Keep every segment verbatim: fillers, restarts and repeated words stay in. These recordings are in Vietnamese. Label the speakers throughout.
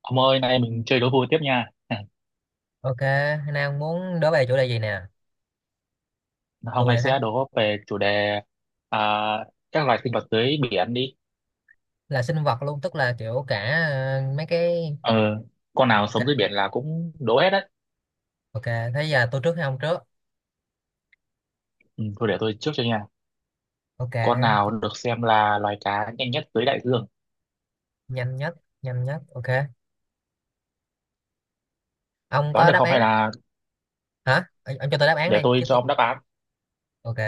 Speaker 1: Ông ơi, nay mình chơi đố vui tiếp nha.
Speaker 2: Ok, Nam muốn đố về chủ đề gì nè?
Speaker 1: Hôm
Speaker 2: Tôi
Speaker 1: nay
Speaker 2: đã thắng
Speaker 1: sẽ đố về chủ đề à, các loài sinh vật dưới biển đi.
Speaker 2: là sinh vật luôn, tức là kiểu cả ờ, mấy cái
Speaker 1: Ờ, con nào sống dưới
Speaker 2: ok,
Speaker 1: biển là cũng đố hết đấy.
Speaker 2: ok. Thế giờ tôi trước hay ông trước?
Speaker 1: Ừ, thôi để tôi trước cho nha.
Speaker 2: Ok,
Speaker 1: Con nào được xem là loài cá nhanh nhất dưới đại dương?
Speaker 2: nhanh nhất, nhanh nhất. Ok. Ông
Speaker 1: Đoán
Speaker 2: có
Speaker 1: được
Speaker 2: đáp
Speaker 1: không hay
Speaker 2: án
Speaker 1: là
Speaker 2: hả? Ờ, Ông cho tôi đáp án đi
Speaker 1: để tôi
Speaker 2: chứ
Speaker 1: cho
Speaker 2: tôi
Speaker 1: ông đáp án?
Speaker 2: ok,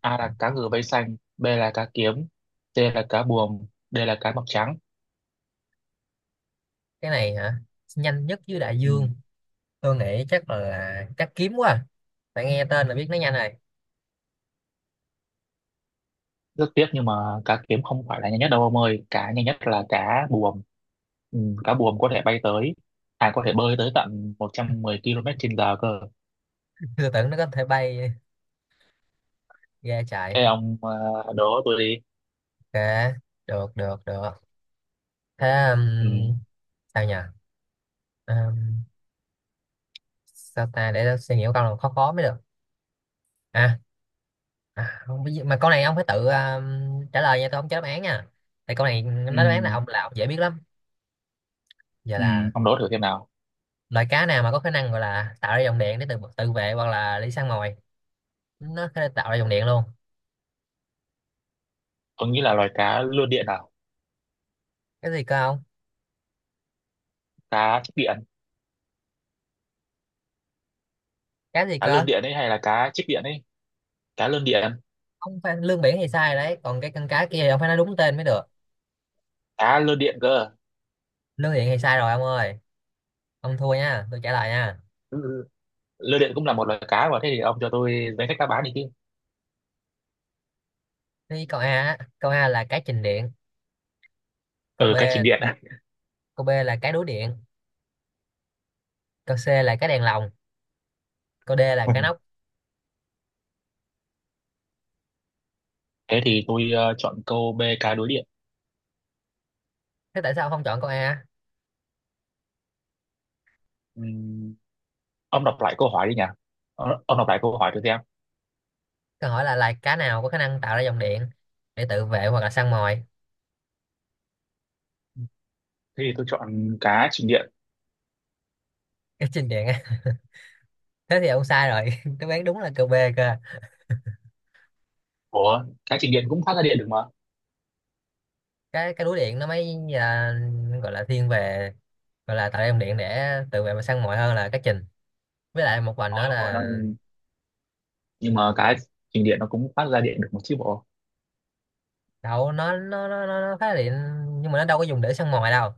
Speaker 1: A là cá ngừ vây xanh, B là cá kiếm, C là cá buồm, D là cá mập trắng.
Speaker 2: cái này hả? Nhanh nhất dưới đại
Speaker 1: Ừ,
Speaker 2: dương. Tôi nghĩ chắc là chắc kiếm quá. à. Tại nghe tên là biết nó nhanh rồi.
Speaker 1: rất tiếc nhưng mà cá kiếm không phải là nhanh nhất đâu ông ơi, cá nhanh nhất là cá buồm. ừ, Cá buồm có thể bay tới, à, có thể bơi tới tận một trăm mười ki lô mét trên giờ cơ.
Speaker 2: Tôi tưởng nó có thể bay ra chạy.
Speaker 1: Thế ông, ờ, đố tôi đi.
Speaker 2: Ok, được, được, được. Thế um,
Speaker 1: Ừ,
Speaker 2: sao nhỉ? Um, Sao ta, để tôi suy nghĩ một câu nào khó khó mới được. à, À không, biết gì- mà câu này ông phải tự ờ, trả lời nha, tôi không cho đáp án nha, tại câu này
Speaker 1: ừ,
Speaker 2: nó đáp án là ông, là ông dễ biết lắm. Giờ
Speaker 1: ừ,
Speaker 2: là
Speaker 1: ông đố thử xem nào.
Speaker 2: loài cá nào mà có khả năng, gọi là tạo ra dòng điện để tự tự vệ hoặc là đi săn mồi, nó có thể tạo ra dòng điện luôn.
Speaker 1: Tôi nghĩ là loài cá lươn điện nào.
Speaker 2: Cái gì cơ, không?
Speaker 1: Cá chích điện.
Speaker 2: Cá gì
Speaker 1: Cá lươn
Speaker 2: cơ?
Speaker 1: điện ấy hay là cá chích điện ấy. Cá lươn điện.
Speaker 2: Ông phải lương biển thì sai rồi đấy, còn cái con cá kia thì ông phải nói đúng tên mới được.
Speaker 1: Cá lươn điện cơ.
Speaker 2: Lương điện thì sai rồi ông ơi, ông thua nha, tôi trả lời nha.
Speaker 1: Ừ, lươn điện cũng là một loài cá mà. Thế thì ông cho tôi danh sách đáp án đi chứ.
Speaker 2: Thì câu A á, câu A là cái trình điện, câu
Speaker 1: Ừ,
Speaker 2: B,
Speaker 1: cá trình điện.
Speaker 2: câu B là cái đuối điện, câu C là cái đèn lồng, câu D là cái nóc.
Speaker 1: Thế thì tôi, ờ, chọn câu B, cá đối điện.
Speaker 2: Thế tại sao ông không chọn câu A?
Speaker 1: Ừ, ông đọc lại câu hỏi đi nhỉ? Ờ, ông đọc lại câu hỏi cho xem.
Speaker 2: Câu hỏi là loài cá nào có khả năng tạo ra dòng điện để tự vệ hoặc là săn mồi?
Speaker 1: Thế thì tôi chọn cá trình điện.
Speaker 2: Cái chinh điện á. Thế thì ông sai rồi. Đáp án đúng là câu B cơ.
Speaker 1: Ủa, cá trình điện cũng phát ra điện được mà.
Speaker 2: Cái cái đuối điện nó mới à, gọi là thiên về, gọi là tạo ra dòng điện để tự vệ và săn mồi hơn là cá trình. Với lại một vành
Speaker 1: Ờ,
Speaker 2: nữa
Speaker 1: ủa,
Speaker 2: là
Speaker 1: nó, nhưng mà cá trình điện nó cũng phát ra điện được một chứ bộ.
Speaker 2: đậu nó nó nó nó, nó phá điện, nhưng mà nó đâu có dùng để săn mồi đâu.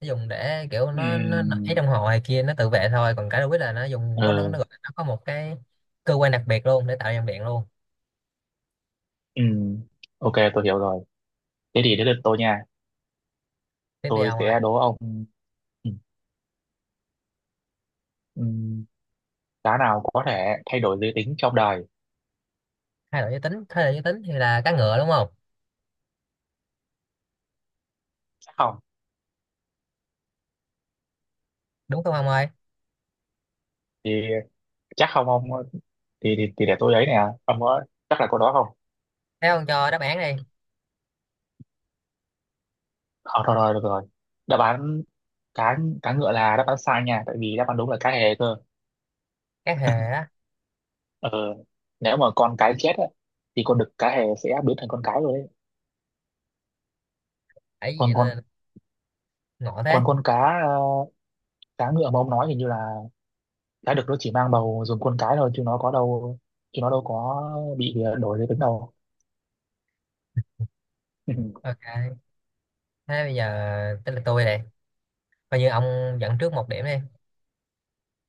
Speaker 2: Nó dùng để kiểu, nó nó nảy
Speaker 1: Ừm,
Speaker 2: trong hồ hay kia, nó tự vệ thôi, còn cá đuối là nó dùng, có nó
Speaker 1: ờ,
Speaker 2: nó, gọi- nó có một cái cơ quan đặc biệt luôn để tạo ra dòng điện luôn.
Speaker 1: ừm, ok, tôi hiểu rồi. Thế thì đến lượt tôi nha.
Speaker 2: Tiếp đi
Speaker 1: Tôi
Speaker 2: ông ơi.
Speaker 1: sẽ đố ông, ừm, ừm, cá nào có thể thay đổi giới tính trong đời.
Speaker 2: Hai loại giới tính, thế hệ giới tính thì là cá ngựa đúng không?
Speaker 1: Chắc không?
Speaker 2: Đúng không ông ơi?
Speaker 1: Thì chắc không ông. Thì, thì, thì để tôi ấy nè. Ông có chắc là câu đó không?
Speaker 2: Thế ông cho đáp án đi.
Speaker 1: Thôi thôi thôi, được rồi. Đáp án, cá cá ngựa là đáp án sai nha, tại vì đáp án đúng là cá hề cơ.
Speaker 2: Cá hề á?
Speaker 1: ờ Nếu mà con cái chết á, thì con đực cá hề sẽ biến thành con cái rồi đấy.
Speaker 2: Ấy gì
Speaker 1: Còn
Speaker 2: nó
Speaker 1: con,
Speaker 2: ngộ thế.
Speaker 1: còn con cá ờ, cá ngựa mà ông nói thì như là cá đực nó chỉ mang bầu dùng con cái thôi, chứ nó có đâu chứ nó đâu có bị, ờ, đổi giới tính đâu. Ừ.
Speaker 2: Ok, thế bây giờ tới là tôi này, coi như ông dẫn trước một điểm đi.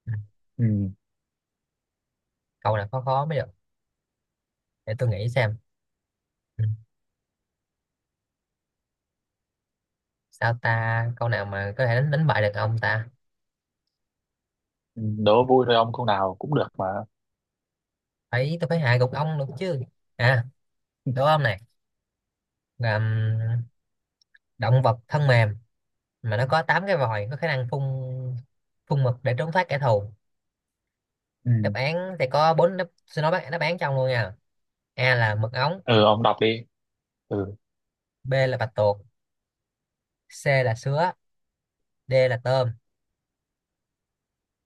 Speaker 2: Ừ, câu nào khó khó mới được, để tôi nghĩ xem. Ừ, sao ta, câu nào mà có thể đánh đánh bại được ông ta,
Speaker 1: Ừ, đố vui thôi ông, câu nào cũng được mà.
Speaker 2: phải tôi phải hạ gục ông được chứ. À, đúng không này, là ừm, động vật thân mềm mà nó có tám cái vòi, có khả năng phun, phun mực để trốn thoát kẻ thù.
Speaker 1: Ừ.
Speaker 2: Đáp án thì có bốn đáp, xin nói bác- đáp án trong luôn nha. A là mực ống,
Speaker 1: Ừ, ông đọc đi. Ừ,
Speaker 2: B là bạch tuộc, C là sứa, D là tôm.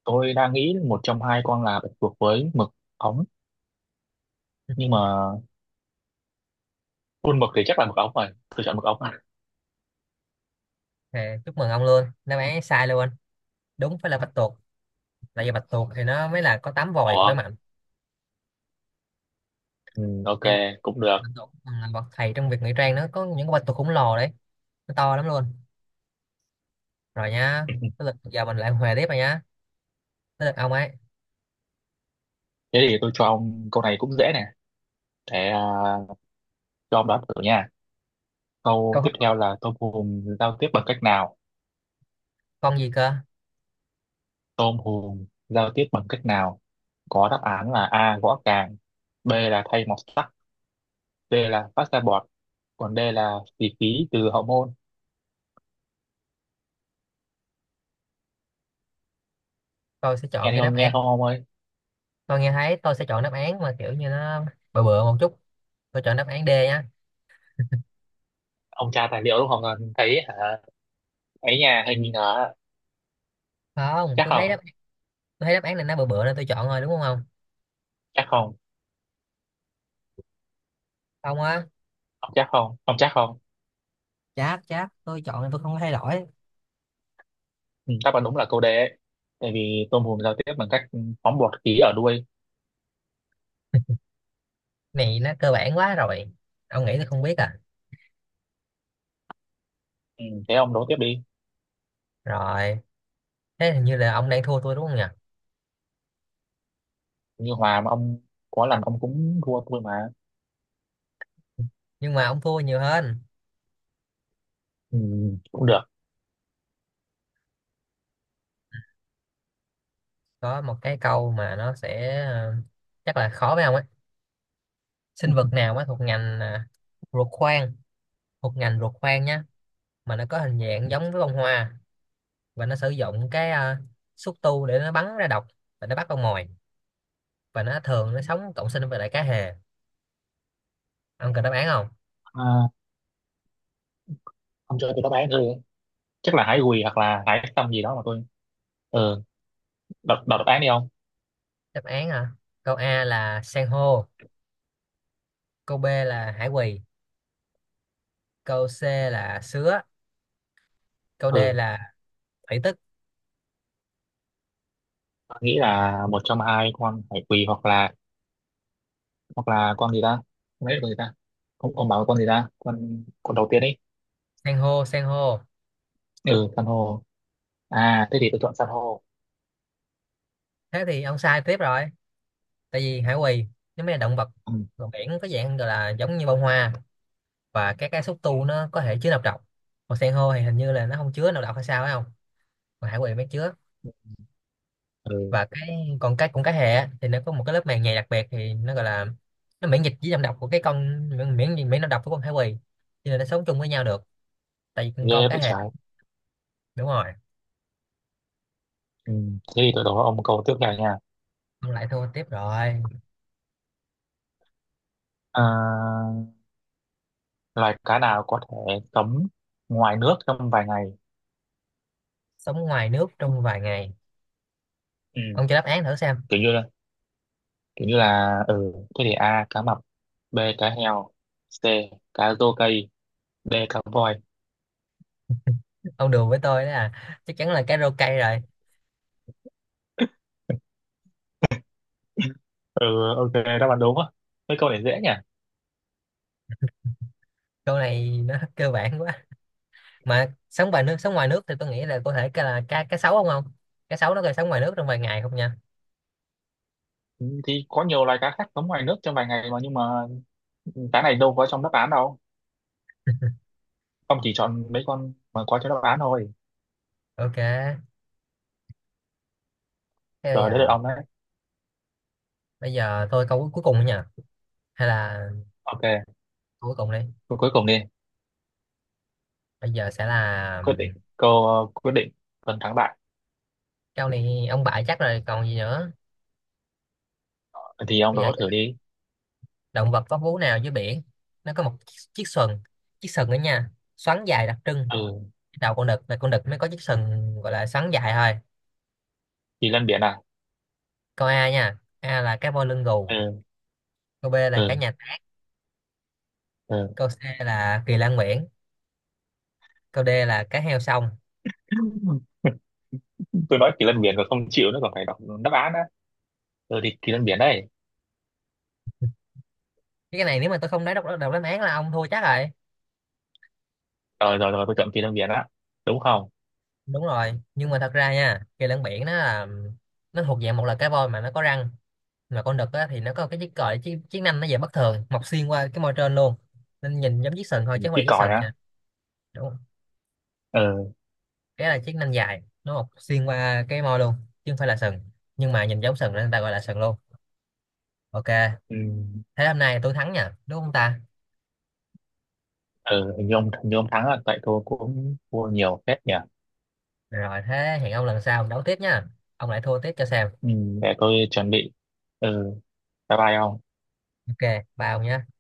Speaker 1: tôi đang nghĩ một trong hai con là bạch tuộc với mực ống, nhưng mà khuôn mực thì chắc là mực ống rồi. Tôi chọn mực ống. À.
Speaker 2: À, chúc mừng ông luôn, đáp án sai luôn. Đúng phải là bạch tuộc, tại vì bạch tuộc thì nó mới là có tám vòi khỏe
Speaker 1: Ủa,
Speaker 2: mạnh.
Speaker 1: ừ, ok,
Speaker 2: Tại vì
Speaker 1: cũng được.
Speaker 2: bạch tuộc còn là bậc thầy trong việc ngụy trang, nó có những con bạch tuộc khổng lồ đấy, nó to lắm luôn. Rồi nhá, tới lượt giờ mình lại hòa tiếp rồi nhá, tới lượt ông ấy.
Speaker 1: Thế thì tôi cho ông câu này cũng dễ nè. Để, à, cho ông đoán thử nha. Câu
Speaker 2: Câu hỏi
Speaker 1: tiếp theo là tôm hùm giao tiếp bằng cách nào?
Speaker 2: con gì cơ?
Speaker 1: Tôm hùm giao tiếp bằng cách nào? Có đáp án là A, gõ càng. B là thay mọt sắt. C là phát ra bọt. Còn D là xì khí từ hậu môn.
Speaker 2: Tôi sẽ chọn
Speaker 1: Em
Speaker 2: cái đáp
Speaker 1: không nghe
Speaker 2: án,
Speaker 1: không ông ơi?
Speaker 2: tôi nghe thấy, tôi sẽ chọn đáp án mà kiểu như nó bừa bừa một chút, tôi chọn đáp án D nhá.
Speaker 1: Ông tra tài liệu đúng không? Còn thấy hả? Ấy nhà hình như là,
Speaker 2: Không,
Speaker 1: chắc
Speaker 2: tôi thấy đáp,
Speaker 1: không?
Speaker 2: tôi thấy đáp án này nó bừa bừa nên tôi chọn rồi, đúng không ông?
Speaker 1: Chắc không?
Speaker 2: Không á.
Speaker 1: Ông chắc không? Ông chắc không?
Speaker 2: Chắc, chắc, tôi chọn thì tôi không có thay đổi.
Speaker 1: Ừ, đáp án đúng là câu D ấy. Tại vì tôm hùm giao tiếp bằng cách phóng bọt khí ở đuôi.
Speaker 2: Này nó cơ bản quá rồi, ông nghĩ tôi không biết à?
Speaker 1: Ừ, thế ông đố tiếp đi.
Speaker 2: Rồi, thế hình như là ông đang thua tôi đúng không nhỉ?
Speaker 1: Như hòa mà ông, có lần ông cũng thua tôi mà.
Speaker 2: Nhưng mà ông thua nhiều hơn.
Speaker 1: Ừ, cũng được.
Speaker 2: Có một cái câu mà nó sẽ ờ, chắc là khó với ông ấy. Sinh vật nào mà thuộc ngành à, ruột khoang, thuộc ngành ruột khoang nhá, mà nó có hình dạng giống với bông hoa, và nó sử dụng cái ờ, xúc tu để nó bắn ra độc và nó bắt con mồi, và nó thường nó sống cộng sinh với lại cá hề. Ông cần đáp án không?
Speaker 1: À, ông cho tôi đáp án thôi. Chắc là hái gùi hoặc là hái xong gì đó mà tôi. Ừ, đọc, đọc đáp án đi ông.
Speaker 2: Đáp án hả? Câu A là san hô, câu B là hải quỳ, câu C là sứa, câu D
Speaker 1: Ừ,
Speaker 2: là thủy tức.
Speaker 1: tôi nghĩ là một trong hai con hải quỳ, hoặc là hoặc là con gì ta? Không biết là con gì ta? Không, ông bảo là con gì ta? Con con đầu tiên ấy.
Speaker 2: San hô, san hô.
Speaker 1: Ừ, san hô. À, thế thì tôi chọn san hô.
Speaker 2: Thế thì ông sai tiếp rồi, tại vì hải quỳ nó mới là động vật,
Speaker 1: Ừ,
Speaker 2: còn biển, có dạng gọi là giống như bông hoa, và các cái xúc tu nó có thể chứa nọc độc. Còn san hô thì hình như là nó không chứa nọc độc hay sao phải không, còn hải quỳ mới chứa.
Speaker 1: ừ,
Speaker 2: Và cái còn cái cũng cá hề á, thì nó có một cái lớp màng nhầy đặc biệt, thì nó gọi là, nó miễn dịch với nọc độc của cái con, miễn miễn miễn nọc độc của con hải quỳ, cho nên nó sống chung với nhau được, tại vì con
Speaker 1: ghê
Speaker 2: cá
Speaker 1: vậy
Speaker 2: hề.
Speaker 1: trời.
Speaker 2: Đúng rồi.
Speaker 1: Ừ. Thế thì tôi đố ông câu tiếp theo nha.
Speaker 2: Ông lại thua tiếp rồi.
Speaker 1: À, loài cá nào có thể sống ngoài nước trong vài ngày?
Speaker 2: Sống ngoài nước trong vài ngày.
Speaker 1: Ừ.
Speaker 2: Ông cho đáp án thử xem.
Speaker 1: Kiểu như là, kiểu như là, ừ, thế thì A, cá mập, B, cá heo, C, cá rô cây, D, cá voi.
Speaker 2: Ông đùa với tôi đó, là chắc chắn là cái rô cây rồi.
Speaker 1: Ừ, ok, đáp án đúng á. Mấy câu này dễ nhỉ?
Speaker 2: Câu này nó cơ bản quá. Mà sống ngoài nước, sống ngoài nước thì tôi nghĩ là có thể cái là cá, cá sấu không, không? Cá sấu nó có thể sống ngoài nước trong vài ngày không nha?
Speaker 1: Ừ, thì có nhiều loài cá khác sống ngoài nước trong vài ngày mà, nhưng mà cá này đâu có trong đáp án đâu. Ông chỉ chọn mấy con mà có trong đáp án thôi.
Speaker 2: Ok, thế bây
Speaker 1: Rồi, đến lượt
Speaker 2: giờ,
Speaker 1: ông đấy.
Speaker 2: bây giờ tôi câu cuối cuối cùng nữa nha, hay là
Speaker 1: Ok,
Speaker 2: câu cuối cùng đi.
Speaker 1: câu cuối cùng đi.
Speaker 2: Bây giờ sẽ là
Speaker 1: Quyết định câu, ờ, quyết định phần thắng bại.
Speaker 2: câu này ông bại chắc rồi còn gì nữa.
Speaker 1: Thì ông
Speaker 2: Bây giờ,
Speaker 1: đố thử đi.
Speaker 2: động vật có vú nào dưới biển, nó có một chiếc chiếc sừng, chiếc sừng đó nha, xoắn dài đặc trưng,
Speaker 1: Ừ,
Speaker 2: đầu con đực, là con đực mới có chiếc sừng gọi là sắn dài thôi.
Speaker 1: kỳ lân biển à.
Speaker 2: Câu A nha, A là cá voi lưng gù,
Speaker 1: Ừ,
Speaker 2: câu B là cá
Speaker 1: ừ,
Speaker 2: nhà táng,
Speaker 1: ừ.
Speaker 2: câu C là kỳ lan nguyễn, câu D là cá heo sông.
Speaker 1: Tôi nói kỳ lân biển rồi không chịu, nữa còn phải đọc đáp án á. Ừ, thì kỳ lân biển đây.
Speaker 2: Cái này nếu mà tôi không nói đọc, đọc đáp án là ông thua chắc rồi.
Speaker 1: Rồi, rồi, rồi, tôi chọn kỳ lân biển á, đúng không?
Speaker 2: Đúng rồi, nhưng mà thật ra nha, kỳ lân biển nó là, nó thuộc dạng một là cá voi mà nó có răng, mà con đực á, thì nó có cái chiếc còi chiếc, chiếc nanh, nó dạng bất thường, mọc xuyên qua cái môi trên luôn, nên nhìn giống chiếc sừng thôi chứ không phải
Speaker 1: Chiếc
Speaker 2: là chiếc
Speaker 1: còi
Speaker 2: sừng
Speaker 1: á.
Speaker 2: nha. Đúng,
Speaker 1: Ừ,
Speaker 2: cái là chiếc nanh dài, nó mọc xuyên qua cái môi luôn, chứ không phải là sừng, nhưng mà nhìn giống sừng nên người ta gọi là sừng luôn. Ok,
Speaker 1: ừ,
Speaker 2: thế hôm nay tôi thắng nha, đúng không ta?
Speaker 1: ừ, hình như ông, hình như ông thắng rồi, tại tôi cũng thua nhiều phết nhỉ.
Speaker 2: Rồi thế hẹn ông lần sau đấu tiếp nha, ông lại thua tiếp cho xem.
Speaker 1: Ừ, để tôi chuẩn bị. Ừ, bye bye ông.
Speaker 2: Ok, bao nhá.